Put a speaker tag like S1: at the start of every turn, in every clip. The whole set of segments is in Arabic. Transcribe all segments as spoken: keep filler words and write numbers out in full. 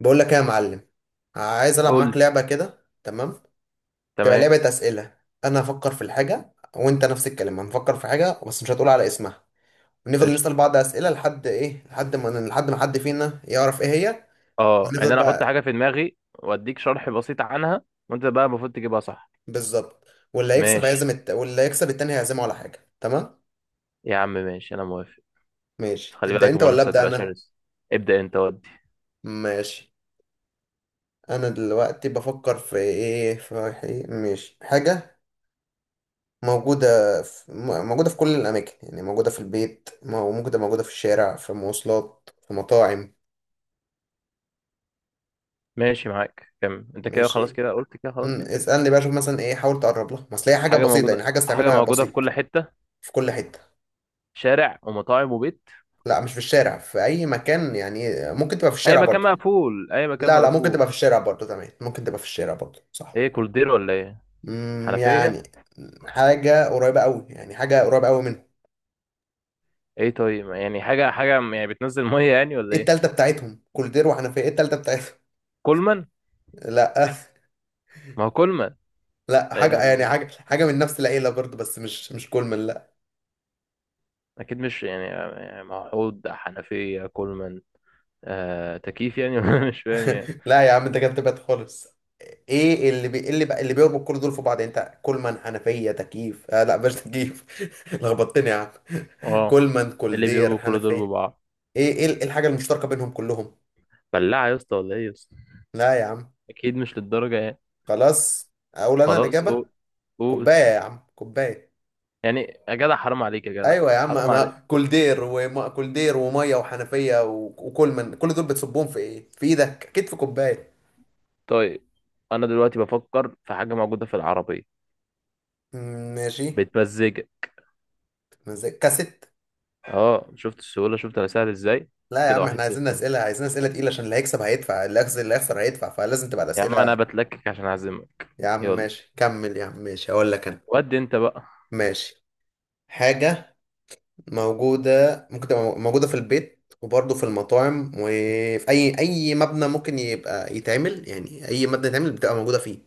S1: بقول لك ايه يا معلم؟ عايز العب
S2: قول
S1: معاك
S2: لي.
S1: لعبه كده، تمام؟ تبقى
S2: تمام.
S1: لعبه اسئله. انا هفكر في الحاجه وانت نفس الكلام، هنفكر في حاجه بس مش هتقول على اسمها، ونفضل نسال
S2: قشطه.
S1: بعض اسئله لحد ايه، لحد ما لحد ما حد فينا يعرف ايه هي.
S2: اه، يعني
S1: ونفضل
S2: انا احط
S1: بقى.
S2: حاجه في دماغي واديك شرح بسيط عنها. وانت بقى المفروض تجيبها صح.
S1: بالظبط. واللي هيكسب
S2: ماشي
S1: هيعزم الت... واللي هيكسب التاني هيعزمه على حاجه، تمام؟
S2: يا عم، ماشي انا موافق. بس
S1: ماشي،
S2: خلي
S1: تبدا
S2: بالك
S1: انت ولا
S2: المنافسه
S1: ابدا
S2: هتبقى
S1: انا؟
S2: شرسه. ابدا انت ودي.
S1: ماشي. انا دلوقتي بفكر في ايه، في حي- ماشي، حاجه موجودة في م- موجودة في كل الأماكن، يعني موجودة في البيت، مو- موجودة موجودة في الشارع، في مواصلات، في مطاعم.
S2: ماشي معاك، كمل انت كده. خلاص
S1: ماشي.
S2: كده قلت كده، خلاص
S1: مم.
S2: يعني.
S1: اسألني بقى، شوف مثلا إيه، حاول تقرب لها، ما أصل هي حاجة
S2: حاجه
S1: بسيطة،
S2: موجوده،
S1: يعني حاجة
S2: حاجه
S1: استعملها
S2: موجوده في كل
S1: بسيط.
S2: حته.
S1: في كل حتة.
S2: شارع ومطاعم وبيت.
S1: لا، مش في الشارع، في أي مكان، يعني ممكن تبقى في
S2: اي
S1: الشارع
S2: مكان
S1: برضه.
S2: مقفول، اي مكان
S1: لا لا، ممكن
S2: مقفول.
S1: تبقى في الشارع برضه، تمام، ممكن تبقى في الشارع برضه، صح.
S2: ايه، كولدير ولا ايه؟
S1: مم،
S2: حنفيه.
S1: يعني حاجة قريبة أوي، يعني حاجة قريبة أوي منهم.
S2: ايه؟ طيب يعني حاجه حاجه يعني بتنزل ميه يعني ولا
S1: إيه
S2: ايه؟
S1: التالتة بتاعتهم، كولدير وحنفية، إيه التالتة بتاعتهم؟
S2: كولمان.
S1: لا
S2: ما هو كولمان.
S1: لا،
S2: لا اله الا
S1: حاجة يعني
S2: الله.
S1: حاجة حاجة من نفس العيلة برضه، بس مش مش كولمان، لا.
S2: اكيد مش يعني يعني موحود حنفية كولمان. آه، تكييف يعني ولا مش فاهم يعني.
S1: لا يا عم، انت كده بتبعد خالص. ايه اللي بي... إيه اللي بقى اللي بيربط كل دول في بعض، يعني انت كولمان، حنفية، تكييف، آه لا مش تكييف. لخبطتني يا عم.
S2: اه.
S1: كولمان،
S2: اللي
S1: كولدير،
S2: بيربوا كل دول
S1: حنفية. ايه
S2: ببعض.
S1: ايه ال- إيه الحاجة المشتركة بينهم كلهم؟
S2: بلاعة يا اسطى، ولا ايه يا اسطى؟
S1: لا يا عم.
S2: اكيد مش للدرجة يعني.
S1: خلاص اقول انا
S2: خلاص
S1: الإجابة.
S2: قول. قول.
S1: كوباية يا عم، كوباية.
S2: يعني. يا جدع حرام عليك يا جدع.
S1: ايوه يا عم،
S2: حرام
S1: ما
S2: عليك.
S1: كولدير وما كولدير وميه وحنفية و- وكولمان، كل دول بتصبهم في ايه في ايدك؟ اكيد في كوباية.
S2: طيب. انا دلوقتي بفكر في حاجة موجودة في العربية.
S1: مم، ماشي.
S2: بتمزجك.
S1: مزاج كاسيت.
S2: اه، شفت السهولة؟ شفت انا سهل ازاي؟
S1: لا يا
S2: كده
S1: عم، احنا
S2: واحد صفر
S1: عايزين
S2: انت.
S1: اسئله عايزين اسئله تقيله، عشان اللي هيكسب هيدفع، اللي هيخسر اللي هيخسر هيدفع، فلازم تبقى
S2: يا عم
S1: الاسئله.
S2: انا بتلكك عشان اعزمك.
S1: يا عم
S2: يلا،
S1: ماشي كمل يا عم، ماشي هقول لك انا.
S2: ودي انت بقى.
S1: ماشي. حاجه موجوده، ممكن تبقى موجوده في البيت وبرضه في المطاعم وفي اي اي مبنى ممكن يبقى يتعمل، يعني اي مبنى يتعمل بتبقى موجوده فيه.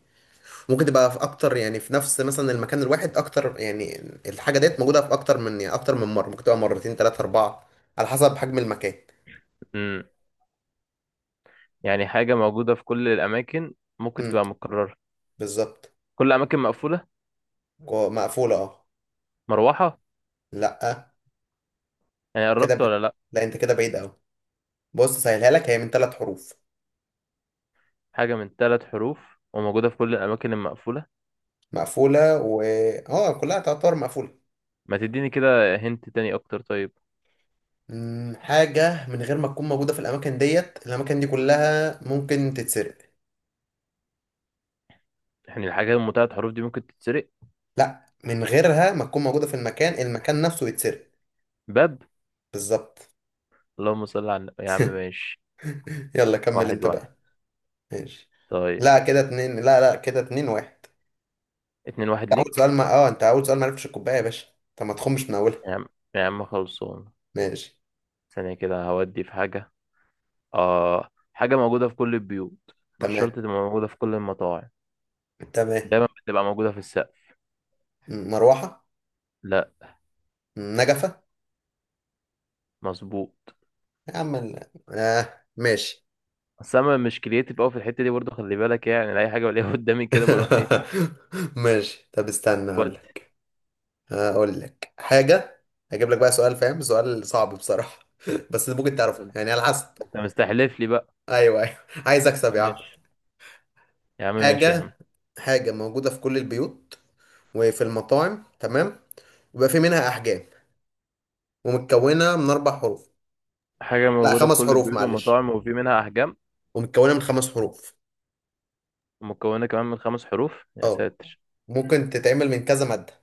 S1: ممكن تبقى في اكتر يعني في نفس مثلا المكان الواحد اكتر يعني. الحاجه ديت موجوده في اكتر من يعني اكتر من مره، ممكن تبقى مرتين، ثلاثه، اربعه، على حسب حجم المكان.
S2: يعني حاجة موجودة في كل الأماكن. ممكن
S1: امم.
S2: تبقى متكررة.
S1: بالظبط.
S2: كل أماكن مقفولة.
S1: كو- مقفولة، اه.
S2: مروحة.
S1: لا.
S2: يعني
S1: كده
S2: قربت
S1: ب...
S2: ولا لأ؟
S1: لا انت كده بعيد اوي. بص، سهلها لك، هي من ثلاث حروف.
S2: حاجة من ثلاث حروف وموجودة في كل الأماكن المقفولة.
S1: مقفولة، و. اه كلها تعتبر مقفولة.
S2: ما تديني كده هنت تاني أكتر طيب.
S1: مم، حاجة من غير ما تكون موجودة في الأماكن ديت، الأماكن دي كلها ممكن تتسرق.
S2: يعني الحاجات من ثلاث حروف دي ممكن تتسرق؟
S1: لا، من غيرها ما تكون موجودة في المكان المكان نفسه يتسرق.
S2: باب.
S1: بالظبط.
S2: اللهم صل على النبي يا عم، ماشي.
S1: يلا كمل
S2: واحد
S1: انت
S2: واحد.
S1: بقى. ماشي.
S2: طيب.
S1: لا كده اتنين، لا لا كده اتنين واحد.
S2: اتنين واحد
S1: انت أول
S2: ليك.
S1: سؤال ما اه انت أول سؤال ما عرفتش الكوباية يا باشا، طب ما تخمش من أولها.
S2: يا عم، يا عم خلصان.
S1: ماشي.
S2: ثانية كده هودي في حاجة. آه، حاجة موجودة في كل البيوت. مش
S1: تمام.
S2: شرط تبقى موجودة في كل المطاعم.
S1: تمام.
S2: دايما بتبقى موجودة في السقف.
S1: مروحة.
S2: لأ.
S1: نجفة.
S2: مظبوط.
S1: يا عم ال- آه ماشي.
S2: بس انا مش كرييتيف قوي في الحته دي برضو، خلي بالك يعني اي حاجه بلاقيها قدامي كده بروح ايه.
S1: ماشي، طب استنى اقول
S2: ودي.
S1: لك، اقول لك حاجة. هجيب لك بقى سؤال فاهم، سؤال صعب بصراحة بس ممكن تعرفها يعني على حسب.
S2: انت مستحلف لي بقى.
S1: ايوه ايوه. عايز اكسب يا عم.
S2: ماشي. يا عم ماشي يا عم.
S1: حاجة. حاجة موجودة في كل البيوت وفي المطاعم، تمام. ويبقى في منها احجام، ومتكونة من اربع حروف.
S2: حاجه
S1: لا،
S2: موجوده في
S1: خمس
S2: كل
S1: حروف
S2: البيوت
S1: معلش،
S2: والمطاعم وفي منها احجام.
S1: ومتكونة من خمس حروف.
S2: مكونه كمان من خمس حروف يا
S1: اه.
S2: ساتر.
S1: ممكن تتعمل من كذا مادة.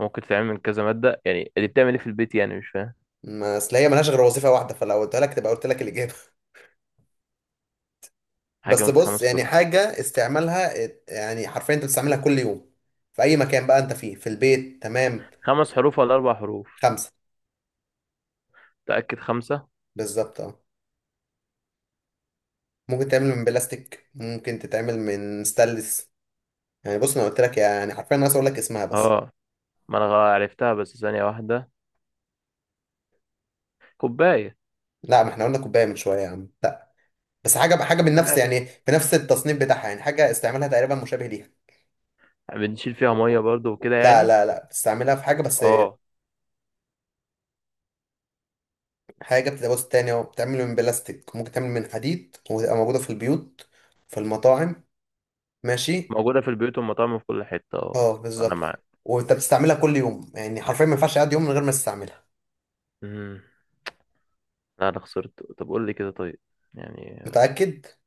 S2: ممكن تتعمل من كذا ماده، يعني اللي بتعمل ايه في البيت؟ يعني مش فاهم.
S1: ما اصل هي ملهاش غير وظيفة واحدة، فلو قلت لك تبقى قلت لك الإجابة
S2: حاجه
S1: بس
S2: من
S1: بص،
S2: خمس
S1: يعني
S2: حروف
S1: حاجة استعمالها ات- يعني حرفيا انت بتستعملها كل يوم في أي مكان بقى انت فيه، في البيت، تمام.
S2: خمس حروف ولا اربع حروف؟
S1: خمسة.
S2: متاكد خمسه.
S1: بالظبط اه. ممكن تعمل من بلاستيك، ممكن تتعمل من ستانلس. يعني بص، انا قلت لك، يعني حرفيا انا عايز اقول لك اسمها بس.
S2: اه، ما انا غ- عرفتها، بس ثانيه واحده. كوبايه.
S1: لا، ما احنا قلنا كوباية من شوية يا عم، لا. بس حاجة حاجة من نفس يعني بنفس التصنيف بتاعها، يعني حاجة استعمالها تقريبا مشابه ليها.
S2: بنشيل فيها ميه برضو وكده
S1: لا
S2: يعني.
S1: لا لا، بتستعملها في حاجة بس.
S2: اه.
S1: حاجة بتتجوز تاني، أو بتعمل من بلاستيك، ممكن تعمل من حديد، وتبقى موجودة في البيوت في المطاعم. ماشي.
S2: موجوده في البيوت والمطاعم وفي كل حته. اه،
S1: اه
S2: انا
S1: بالظبط.
S2: معاك.
S1: وانت بتستعملها كل يوم، يعني حرفيا ما ينفعش اقعد يوم من غير ما تستعملها.
S2: امم. لا انا خسرت. طب قول لي كده طيب يعني.
S1: متأكد؟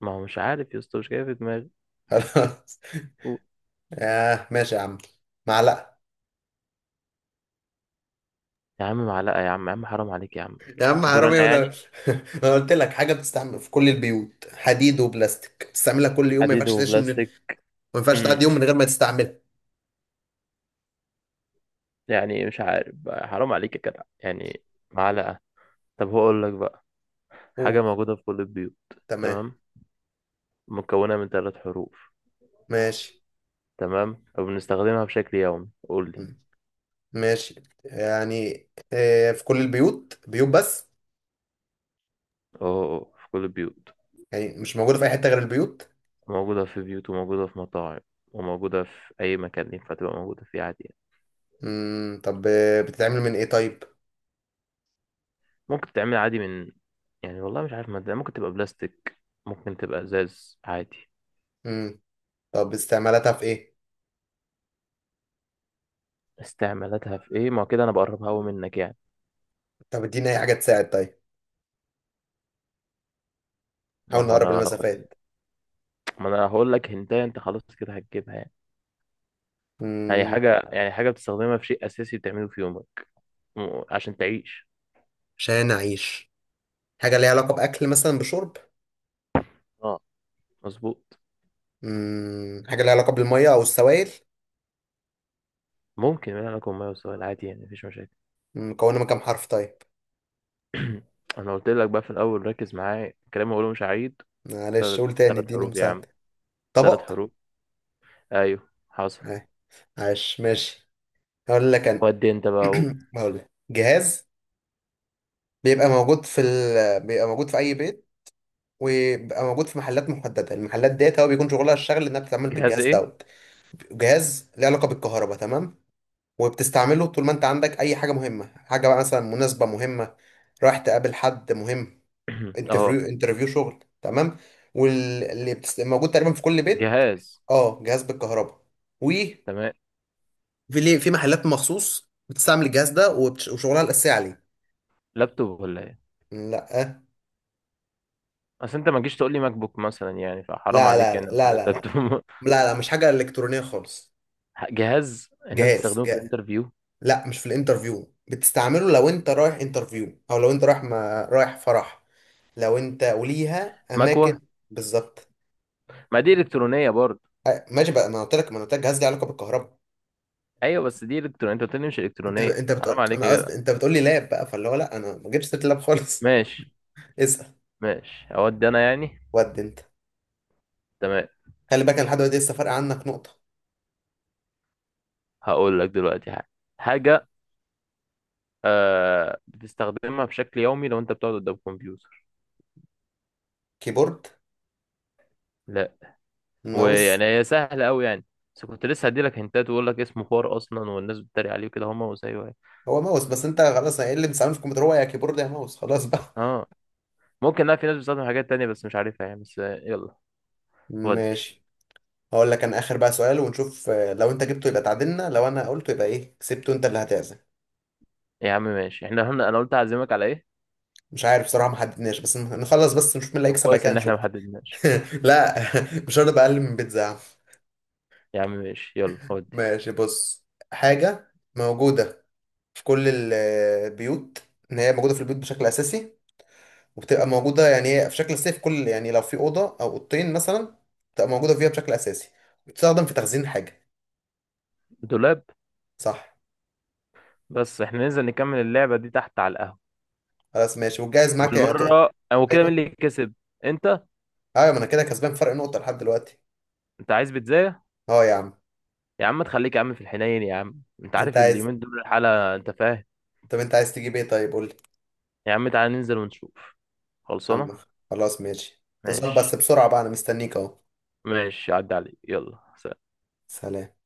S2: ما هو مش عارف يا اسطى، مش جاي في دماغي.
S1: خلاص.
S2: قول.
S1: آه ماشي يا عم، معلقة.
S2: يا عم معلقه يا عم، يا عم حرام عليك يا عم.
S1: يا عم
S2: دور
S1: حرامي
S2: انا
S1: وانا
S2: يعني.
S1: انا قلت لك حاجة بتستعمل في كل البيوت، حديد وبلاستيك، بتستعملها كل يوم، ما
S2: حديد
S1: ينفعش تعيش من... ما
S2: وبلاستيك.
S1: ينفعش
S2: امم.
S1: تعدي يوم من غير ما تستعملها.
S2: يعني مش عارف بقى، حرام عليك يا جدع يعني. معلقه. طب هو اقول لك بقى. حاجه
S1: قول.
S2: موجوده في كل البيوت.
S1: تمام.
S2: تمام. مكونه من ثلاث حروف.
S1: ماشي.
S2: تمام وبنستخدمها بشكل يومي. قول لي.
S1: مم. ماشي. يعني آه، في كل البيوت، بيوت بس،
S2: اه. آه، في كل البيوت.
S1: يعني مش موجودة في أي حتة غير البيوت.
S2: موجوده في بيوت وموجوده في مطاعم وموجوده في اي مكان ينفع تبقى موجوده فيه عادي يعني.
S1: امم طب آه، بتتعمل من إيه طيب.
S2: ممكن تتعمل عادي من، يعني والله مش عارف مادة. ممكن تبقى بلاستيك. ممكن تبقى ازاز عادي.
S1: امم طب استعمالاتها في إيه.
S2: استعمالاتها في ايه؟ ما هو كده انا بقربها قوي
S1: مم.
S2: منك يعني.
S1: طب اديني أي حاجة تساعد طيب.
S2: ما
S1: حاول
S2: هو
S1: نقرب
S2: انا لو قلت.
S1: المسافات.
S2: ما انا هقول لك هنتايه، انت خلاص كده هتجيبها يعني. يعني
S1: امم.
S2: حاجة، يعني حاجة بتستخدمها في شيء اساسي بتعمله في يومك م- عشان تعيش.
S1: عشان أعيش. حاجة ليها علاقة بأكل مثلا بشرب.
S2: اه، مظبوط.
S1: امم حاجة ليها علاقة بالمية أو السوائل.
S2: ممكن من لكم ما وسؤال عادي يعني مفيش مشاكل.
S1: مم، مكونة من كام حرف طيب؟
S2: انا قلت لك بقى في الاول، ركز معايا الكلام اللي هقوله مش عيد.
S1: معلش
S2: ثلاث.
S1: قول تاني،
S2: ثلاث
S1: اديني
S2: حروف يا عم.
S1: مساعدة.
S2: ثلاث
S1: طبق.
S2: حروف ايوه حصل.
S1: آه، عاش ماشي. هقول لك أنا.
S2: ودي انت بقى. قول.
S1: هقول لك جهاز بيبقى موجود في ال... بيبقى موجود في أي بيت، وبيبقى موجود في محلات محدده، المحلات ديت هو بيكون شغلها الشغل انها بتتعامل
S2: جهاز
S1: بالجهاز
S2: ايه؟
S1: دوت. جهاز له علاقه بالكهرباء، تمام. وبتستعمله طول ما انت عندك اي حاجه مهمه، حاجه بقى مثلا مناسبه مهمه، رايح تقابل حد مهم، انترفيو،
S2: اه،
S1: انترفيو شغل، تمام. واللي بتست... موجود تقريبا في كل بيت.
S2: جهاز.
S1: اه جهاز بالكهرباء. وفي،
S2: تمام.
S1: ليه في محلات مخصوص بتستعمل الجهاز ده وبتش... وشغلها الاساسي عليه.
S2: لابتوب ولا ايه؟
S1: لا.
S2: اصل انت ما جيش تقول لي ماك بوك مثلا يعني، فحرام
S1: لا
S2: عليك
S1: لا لا
S2: يعني، قلت
S1: لا
S2: لك
S1: لا لا.
S2: لابتوب.
S1: لا لا، مش حاجه الكترونيه خالص.
S2: جهاز الناس
S1: جهاز.
S2: بتستخدمه في الانترفيو.
S1: لا، مش في الانترفيو، بتستعمله لو انت رايح انترفيو او لو انت رايح ما رايح فرح، لو انت وليها
S2: مكوه.
S1: اماكن. بالظبط.
S2: ما دي الكترونيه برضه.
S1: أه، ماشي بقى، ما أنا قلت لك ما انا قلت لك جهاز ليه علاقه بالكهرباء.
S2: ايوه بس دي الكترونيه، انت قلت لي مش
S1: انت
S2: الكترونيه،
S1: انت
S2: حرام
S1: بتقول،
S2: عليك
S1: انا
S2: يا جدع.
S1: قصدي، انت بتقول لي لاب بقى، فاللي هو لا، انا ما جبتش سيره اللاب خالص.
S2: ماشي.
S1: اسال.
S2: ماشي اودي انا يعني.
S1: ود انت.
S2: تمام.
S1: خلي بالك، انا لحد دلوقتي لسه فارق عنك نقطه.
S2: هقول لك دلوقتي حاجه. حاجه. آه، بتستخدمها بشكل يومي لو انت بتقعد قدام كمبيوتر.
S1: كيبورد.
S2: لا.
S1: ماوس.
S2: ويعني هي سهله قوي يعني. بس كنت لسه هدي لك هنتات واقول لك اسمه خوار اصلا، والناس بتتريق عليه كده هم وزيه يعني.
S1: هو ماوس، بس انت خلاص، ايه اللي بتستعمله في الكمبيوتر، هو يا كيبورد يا ماوس، خلاص بقى.
S2: اه. ممكن. لا، في ناس بتستخدم حاجات تانية بس مش عارفها يعني. بس آه، يلا. ودي.
S1: ماشي. هقول لك انا اخر بقى سؤال، ونشوف آه، لو انت جبته يبقى تعادلنا، لو انا قلته يبقى ايه، كسبته انت اللي هتعزم.
S2: يا عم ماشي احنا هنا، انا قلت اعزمك على ايه؟
S1: مش عارف بصراحة، ما حددناش، بس ن- نخلص بس نشوف مين اللي
S2: طب
S1: هيكسب، بعد
S2: كويس
S1: كده
S2: ان احنا
S1: نشوف.
S2: ما حددناش.
S1: لا. مش هرضى بقلل من بيتزا يا عم.
S2: يا عم ماشي، يلا ودي.
S1: ماشي بص. حاجة موجودة في كل ال- البيوت، ان هي موجودة في البيوت بشكل اساسي، وبتبقى موجودة يعني هي في شكل اساسي في كل، يعني لو في أوضة او أوضتين مثلا، بتبقى موجودة فيها بشكل اساسي، وبتستخدم في تخزين حاجة.
S2: دولاب.
S1: صح.
S2: بس احنا ننزل نكمل اللعبه دي تحت على القهوه.
S1: خلاص ماشي، والجايز معاك يعني تق-
S2: وبالمره، او كده مين
S1: ايوه.
S2: اللي كسب؟ انت.
S1: ايوه ما انا كده كسبان فرق نقطة لحد دلوقتي.
S2: انت عايز بيتزا؟
S1: اه يا عم.
S2: يا عم تخليك يا عم في الحنين، يا عم انت
S1: انت
S2: عارف
S1: عايز.
S2: اليومين دول الحاله، انت فاهم.
S1: طب انت عايز تجيب ايه طيب، قول لي.
S2: يا عم تعالى ننزل ونشوف.
S1: عم.
S2: خلصانه.
S1: خلاص ماشي، اظبط
S2: ماشي.
S1: بس بسرعة بقى، انا مستنيك اهو.
S2: ماشي عدى عليك، يلا سلام.
S1: سلام.